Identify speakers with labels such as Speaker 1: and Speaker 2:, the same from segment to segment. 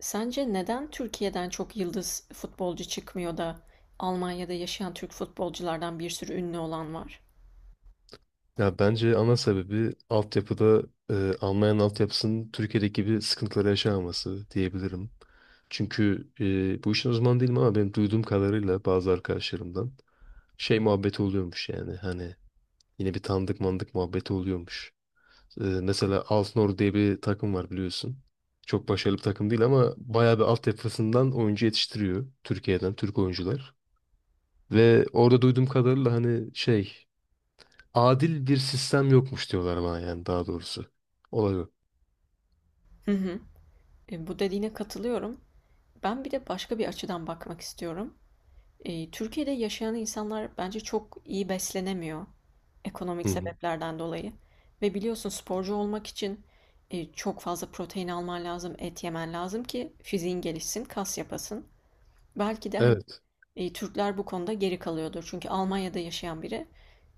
Speaker 1: Sence neden Türkiye'den çok yıldız futbolcu çıkmıyor da Almanya'da yaşayan Türk futbolculardan bir sürü ünlü olan var?
Speaker 2: Ya bence ana sebebi altyapıda Almanya'nın altyapısının Türkiye'deki gibi sıkıntıları yaşamaması diyebilirim. Çünkü bu işin uzmanı değilim ama benim duyduğum kadarıyla bazı arkadaşlarımdan şey muhabbeti oluyormuş yani hani yine bir tanıdık mandık muhabbeti oluyormuş. Mesela Alkmaar diye bir takım var biliyorsun. Çok başarılı bir takım değil ama bayağı bir altyapısından oyuncu yetiştiriyor Türkiye'den Türk oyuncular. Ve orada duyduğum kadarıyla hani şey adil bir sistem yokmuş diyorlar bana yani daha doğrusu. Olay o.
Speaker 1: Hı hı. Bu dediğine katılıyorum. Ben bir de başka bir açıdan bakmak istiyorum. Türkiye'de yaşayan insanlar bence çok iyi beslenemiyor
Speaker 2: Hı
Speaker 1: ekonomik
Speaker 2: hı.
Speaker 1: sebeplerden dolayı. Ve biliyorsun sporcu olmak için çok fazla protein alman lazım, et yemen lazım ki fiziğin gelişsin, kas yapasın. Belki de
Speaker 2: Evet.
Speaker 1: Türkler bu konuda geri kalıyordur. Çünkü Almanya'da yaşayan biri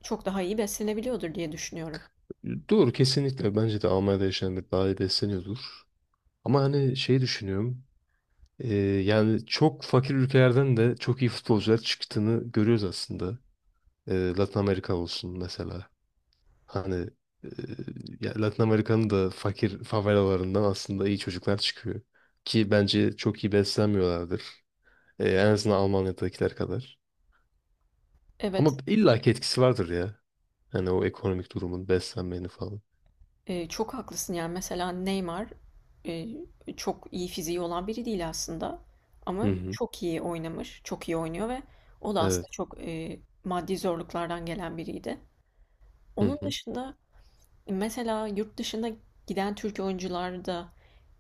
Speaker 1: çok daha iyi beslenebiliyordur diye düşünüyorum.
Speaker 2: Doğru kesinlikle. Bence de Almanya'da yaşayanlar daha iyi besleniyordur. Ama hani şey düşünüyorum. e, Yani çok fakir ülkelerden de çok iyi futbolcular çıktığını görüyoruz aslında. Latin Amerika olsun mesela. Hani e, ya Latin Amerika'nın da fakir favelalarından aslında iyi çocuklar çıkıyor. Ki bence çok iyi beslenmiyorlardır. En azından Almanya'dakiler kadar. Ama
Speaker 1: Evet,
Speaker 2: illaki etkisi vardır ya. Hani o ekonomik durumun, beslenmeni falan.
Speaker 1: çok haklısın yani. Mesela Neymar e, çok iyi fiziği olan biri değil aslında. Ama
Speaker 2: Hı hı.
Speaker 1: çok iyi oynamış, çok iyi oynuyor ve o da aslında
Speaker 2: Evet.
Speaker 1: çok maddi zorluklardan gelen biriydi.
Speaker 2: Hı
Speaker 1: Onun
Speaker 2: hı.
Speaker 1: dışında mesela yurt dışına giden Türk oyuncular da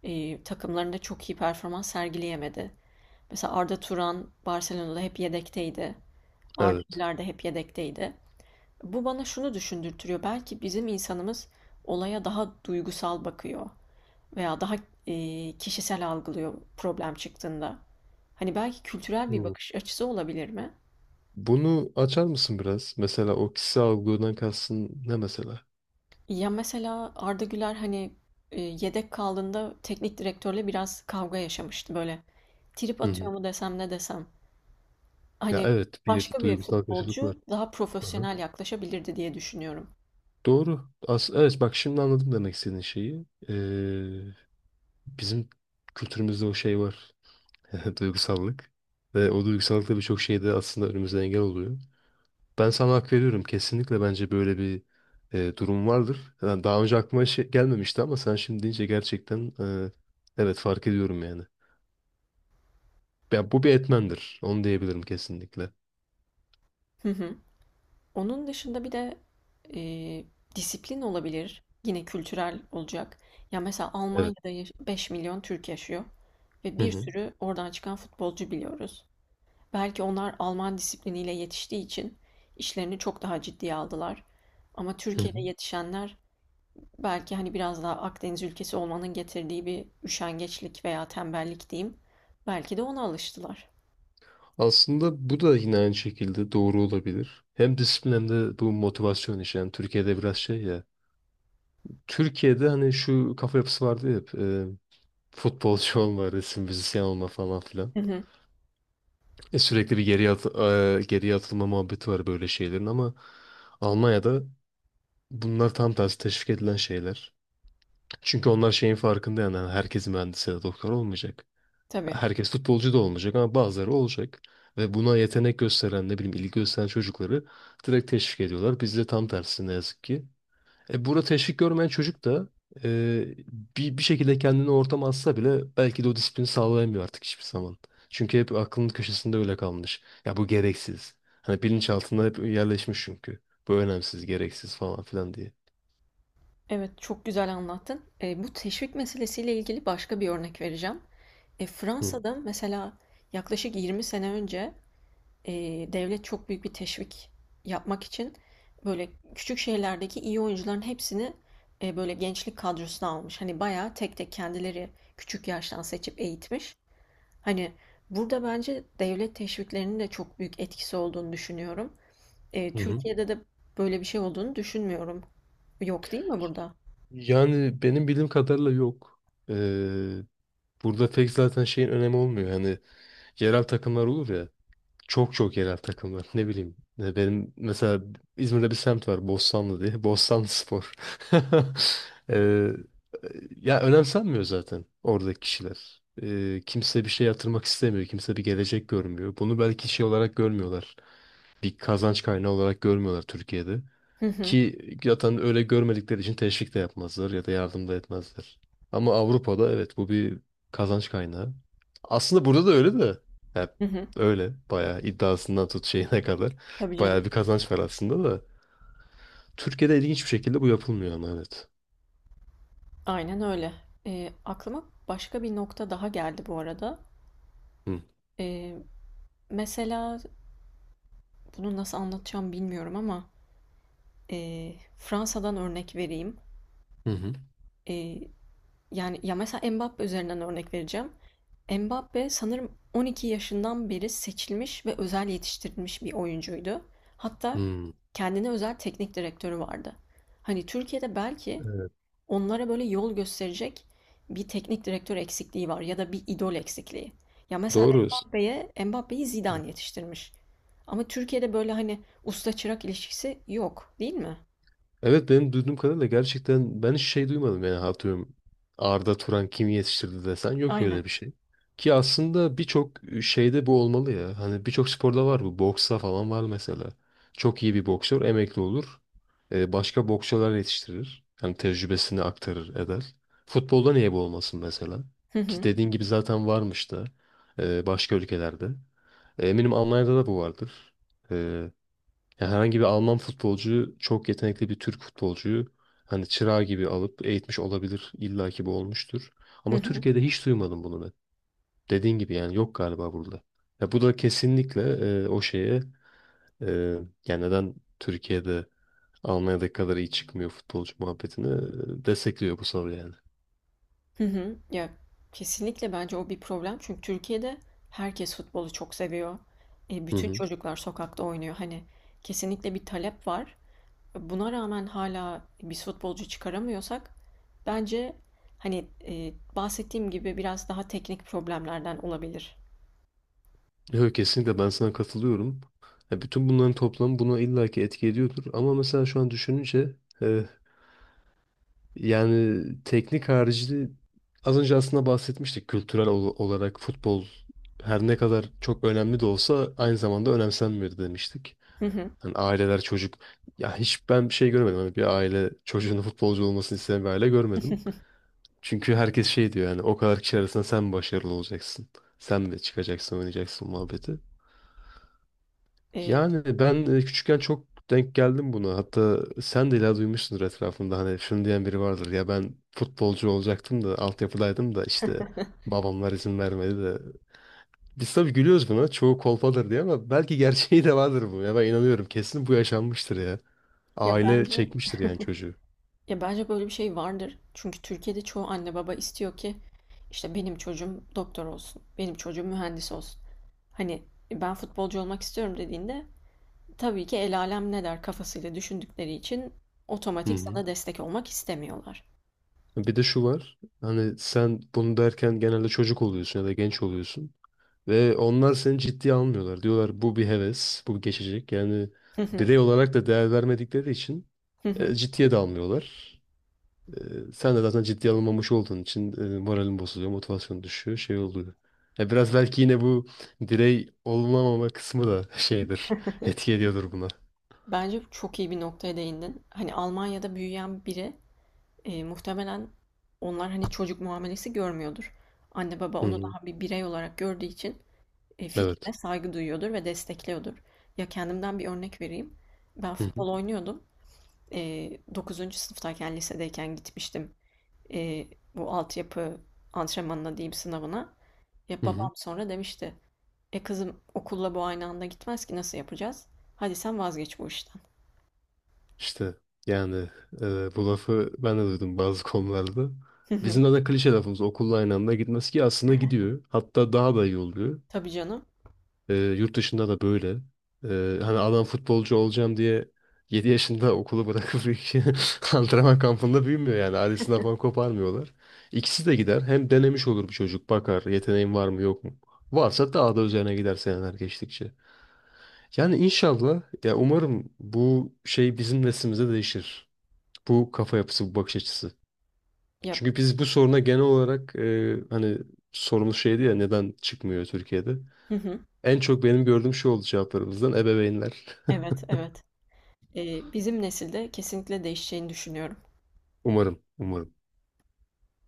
Speaker 1: takımlarında çok iyi performans sergileyemedi. Mesela Arda Turan Barcelona'da hep yedekteydi.
Speaker 2: Evet.
Speaker 1: Arda'lar da hep yedekteydi. Bu bana şunu düşündürtüyor. Belki bizim insanımız olaya daha duygusal bakıyor veya daha kişisel algılıyor problem çıktığında. Hani belki kültürel bir
Speaker 2: Hı.
Speaker 1: bakış açısı olabilir mi?
Speaker 2: Bunu açar mısın biraz? Mesela o kişisel algıdan kastın ne mesela?
Speaker 1: Ya mesela Arda Güler hani yedek kaldığında teknik direktörle biraz kavga yaşamıştı böyle. Trip
Speaker 2: Hı hı.
Speaker 1: atıyor mu desem ne desem.
Speaker 2: Ya
Speaker 1: Hani
Speaker 2: evet bir
Speaker 1: başka bir
Speaker 2: duygusal karşılık
Speaker 1: futbolcu
Speaker 2: var.
Speaker 1: daha
Speaker 2: Hı hı.
Speaker 1: profesyonel yaklaşabilirdi diye düşünüyorum.
Speaker 2: Doğru. As evet bak şimdi anladım demek istediğin şeyi. Bizim kültürümüzde o şey var. Duygusallık. Ve o duygusallık da birçok şeyde aslında önümüze engel oluyor. Ben sana hak veriyorum. Kesinlikle bence böyle bir durum vardır. Yani daha önce aklıma şey gelmemişti ama sen şimdi deyince gerçekten evet fark ediyorum yani. Ya bu bir etmendir. Onu diyebilirim kesinlikle.
Speaker 1: Onun dışında bir de e, disiplin olabilir. Yine kültürel olacak. Ya mesela
Speaker 2: Evet.
Speaker 1: 5 milyon Türk yaşıyor ve
Speaker 2: Hı
Speaker 1: bir
Speaker 2: hı.
Speaker 1: sürü oradan çıkan futbolcu biliyoruz. Belki onlar Alman disipliniyle yetiştiği için işlerini çok daha ciddiye aldılar. Ama
Speaker 2: Hı
Speaker 1: Türkiye'de
Speaker 2: hı.
Speaker 1: yetişenler belki hani biraz daha Akdeniz ülkesi olmanın getirdiği bir üşengeçlik veya tembellik diyeyim. Belki de ona alıştılar.
Speaker 2: Aslında bu da yine aynı şekilde doğru olabilir. Hem disiplin hem de bu motivasyon işi. Yani Türkiye'de biraz şey ya. Türkiye'de hani şu kafa yapısı vardı ya hep. Futbolcu olma, resim müzisyen olma falan filan.
Speaker 1: Hı hı,
Speaker 2: Sürekli bir geriye, geriye atılma muhabbeti var böyle şeylerin ama Almanya'da bunlar tam tersi teşvik edilen şeyler. Çünkü onlar şeyin farkında yani hani herkes mühendis ya da doktor olmayacak.
Speaker 1: tabii.
Speaker 2: Herkes futbolcu da olmayacak ama bazıları olacak. Ve buna yetenek gösteren ne bileyim ilgi gösteren çocukları direkt teşvik ediyorlar. Bizde tam tersi ne yazık ki. Burada teşvik görmeyen çocuk da e, bir şekilde kendini o ortama atsa bile belki de o disiplini sağlayamıyor artık hiçbir zaman. Çünkü hep aklının köşesinde öyle kalmış. Ya bu gereksiz. Hani bilinçaltında hep yerleşmiş çünkü. Bu önemsiz, gereksiz falan filan diye.
Speaker 1: Evet, çok güzel anlattın. Bu teşvik meselesiyle ilgili başka bir örnek vereceğim.
Speaker 2: Hı.
Speaker 1: Fransa'da mesela yaklaşık 20 sene önce e, devlet çok büyük bir teşvik yapmak için böyle küçük şehirlerdeki iyi oyuncuların hepsini böyle gençlik kadrosuna almış. Hani bayağı tek tek kendileri küçük yaştan seçip eğitmiş. Hani burada bence devlet teşviklerinin de çok büyük etkisi olduğunu düşünüyorum.
Speaker 2: Hı hı.
Speaker 1: Türkiye'de de böyle bir şey olduğunu düşünmüyorum. Yok değil mi burada?
Speaker 2: Yani benim bildiğim kadarıyla yok. E, Burada pek zaten şeyin önemi olmuyor. Hani yerel takımlar olur ya. Çok çok yerel takımlar. Ne bileyim. Benim mesela İzmir'de bir semt var. Bostanlı diye. Bostanlı Spor. Ee, ya önemsenmiyor zaten oradaki kişiler. Kimse bir şey yatırmak istemiyor. Kimse bir gelecek görmüyor. Bunu belki şey olarak görmüyorlar. Bir kazanç kaynağı olarak görmüyorlar Türkiye'de. Ki zaten öyle görmedikleri için teşvik de yapmazlar ya da yardım da etmezler. Ama Avrupa'da evet bu bir kazanç kaynağı. Aslında burada da öyle de. Hep
Speaker 1: Hı hı.
Speaker 2: öyle bayağı iddiasından tut şeyine kadar.
Speaker 1: Tabii canım.
Speaker 2: Bayağı bir kazanç var aslında da. Türkiye'de ilginç bir şekilde bu yapılmıyor ama evet.
Speaker 1: Aynen öyle. Aklıma başka bir nokta daha geldi bu arada.
Speaker 2: Hı
Speaker 1: Ee, Mesela bunu nasıl anlatacağım bilmiyorum ama Fransa'dan örnek vereyim.
Speaker 2: hı. Hı.
Speaker 1: Ee, Yani ya mesela Mbappe üzerinden örnek vereceğim. Mbappe sanırım 12 yaşından beri seçilmiş ve özel yetiştirilmiş bir oyuncuydu. Hatta
Speaker 2: Hı.
Speaker 1: kendine özel teknik direktörü vardı. Hani Türkiye'de belki
Speaker 2: Evet.
Speaker 1: onlara böyle yol gösterecek bir teknik direktör eksikliği var ya da bir idol eksikliği. Ya mesela
Speaker 2: Doğru.
Speaker 1: Mbappe'yi Zidane yetiştirmiş. Ama Türkiye'de böyle hani usta çırak ilişkisi yok, değil mi?
Speaker 2: Evet benim duyduğum kadarıyla gerçekten ben hiç şey duymadım yani atıyorum Arda Turan kimi yetiştirdi desen yok
Speaker 1: Aynen.
Speaker 2: öyle bir şey. Ki aslında birçok şeyde bu olmalı ya. Hani birçok sporda var bu. Boksta falan var mesela. Çok iyi bir boksör emekli olur. Başka boksörler yetiştirir. Yani tecrübesini aktarır eder. Futbolda niye bu olmasın mesela?
Speaker 1: Hı
Speaker 2: Ki
Speaker 1: hı.
Speaker 2: dediğin gibi zaten varmış da başka ülkelerde. Eminim Almanya'da da bu vardır. E, ya herhangi bir Alman futbolcuyu çok yetenekli bir Türk futbolcuyu hani çırağı gibi alıp eğitmiş olabilir. İlla ki bu olmuştur.
Speaker 1: Hı
Speaker 2: Ama
Speaker 1: hı.
Speaker 2: Türkiye'de hiç duymadım bunu ben. Dediğin gibi yani yok galiba burada. Ya bu da kesinlikle o şeye e, yani neden Türkiye'de Almanya'daki kadar iyi çıkmıyor futbolcu muhabbetini destekliyor bu soru yani.
Speaker 1: Hı hı. Ya kesinlikle bence o bir problem. Çünkü Türkiye'de herkes futbolu çok seviyor.
Speaker 2: Hı
Speaker 1: Bütün
Speaker 2: hı.
Speaker 1: çocuklar sokakta oynuyor. Hani kesinlikle bir talep var. Buna rağmen hala bir futbolcu çıkaramıyorsak bence hani bahsettiğim gibi biraz daha teknik problemlerden olabilir.
Speaker 2: Yok kesinlikle ben sana katılıyorum. Ya bütün bunların toplamı buna illaki etki ediyordur. Ama mesela şu an düşününce e, yani teknik harici az önce aslında bahsetmiştik kültürel olarak futbol her ne kadar çok önemli de olsa aynı zamanda önemsenmiyor demiştik.
Speaker 1: Hı hı.
Speaker 2: Hani aileler çocuk ya hiç ben bir şey görmedim. Hani bir aile çocuğunun futbolcu olmasını isteyen bir aile görmedim. Çünkü herkes şey diyor yani o kadar kişi arasında sen başarılı olacaksın. Sen de çıkacaksın oynayacaksın muhabbeti.
Speaker 1: E,
Speaker 2: Yani ben küçükken çok denk geldim buna. Hatta sen de illa duymuşsundur etrafında hani şunu diyen biri vardır. Ya ben futbolcu olacaktım da altyapıdaydım da işte babamlar izin vermedi de. Biz tabii gülüyoruz buna. Çoğu kolpadır diye ama belki gerçeği de vardır bu. Ya ben inanıyorum. Kesin bu yaşanmıştır ya.
Speaker 1: ya
Speaker 2: Aile
Speaker 1: bence
Speaker 2: çekmiştir yani çocuğu.
Speaker 1: ya bence böyle bir şey vardır. Çünkü Türkiye'de çoğu anne baba istiyor ki işte benim çocuğum doktor olsun, benim çocuğum mühendis olsun. Hani "E, ben futbolcu olmak istiyorum" dediğinde tabii ki el alem ne der kafasıyla düşündükleri için
Speaker 2: Hı
Speaker 1: otomatik
Speaker 2: hı.
Speaker 1: sana destek olmak istemiyorlar.
Speaker 2: Bir de şu var. Hani sen bunu derken genelde çocuk oluyorsun ya da genç oluyorsun. Ve onlar seni ciddiye almıyorlar. Diyorlar bu bir heves, bu geçecek. Yani birey olarak da değer vermedikleri için ciddiye de almıyorlar. Sen de zaten ciddiye alınmamış olduğun için moralin bozuluyor, motivasyon düşüyor, şey oluyor. Ya biraz belki yine bu birey olunamama kısmı da şeydir, etki ediyordur buna.
Speaker 1: Bence çok iyi bir noktaya değindin. Hani Almanya'da büyüyen biri muhtemelen onlar hani çocuk muamelesi görmüyordur. Anne baba
Speaker 2: Hı
Speaker 1: onu
Speaker 2: hı.
Speaker 1: daha bir birey olarak gördüğü için fikrine
Speaker 2: Evet.
Speaker 1: saygı duyuyordur ve destekliyordur. Ya kendimden bir örnek vereyim. Ben
Speaker 2: Hı hı.
Speaker 1: futbol oynuyordum. E, 9. sınıftayken lisedeyken gitmiştim. E, bu altyapı antrenmanına diyeyim sınavına. Ya
Speaker 2: Hı hı.
Speaker 1: babam sonra demişti. E kızım, okulla bu aynı anda gitmez ki, nasıl yapacağız? Hadi sen vazgeç bu işten.
Speaker 2: İşte yani bu lafı ben de duydum bazı konularda. Bizim de, klişe lafımız okulla aynı anda gitmez ki aslında gidiyor. Hatta daha da iyi oluyor.
Speaker 1: Tabii canım.
Speaker 2: Yurt dışında da böyle. Hani adam futbolcu olacağım diye 7 yaşında okulu bırakıp antrenman kampında büyümüyor yani. Ailesinden falan koparmıyorlar. İkisi de gider. Hem denemiş olur bir çocuk. Bakar yeteneğin var mı yok mu. Varsa daha da üzerine gider seneler geçtikçe. Yani inşallah ya umarım bu şey bizim neslimize değişir. Bu kafa yapısı, bu bakış açısı.
Speaker 1: Yap.
Speaker 2: Çünkü biz bu soruna genel olarak hani sorumuz şeydi ya neden çıkmıyor Türkiye'de?
Speaker 1: Hı hı.
Speaker 2: En çok benim gördüğüm şey oldu cevaplarımızdan ebeveynler.
Speaker 1: Evet, evet. Bizim nesilde kesinlikle değişeceğini düşünüyorum.
Speaker 2: Umarım, umarım.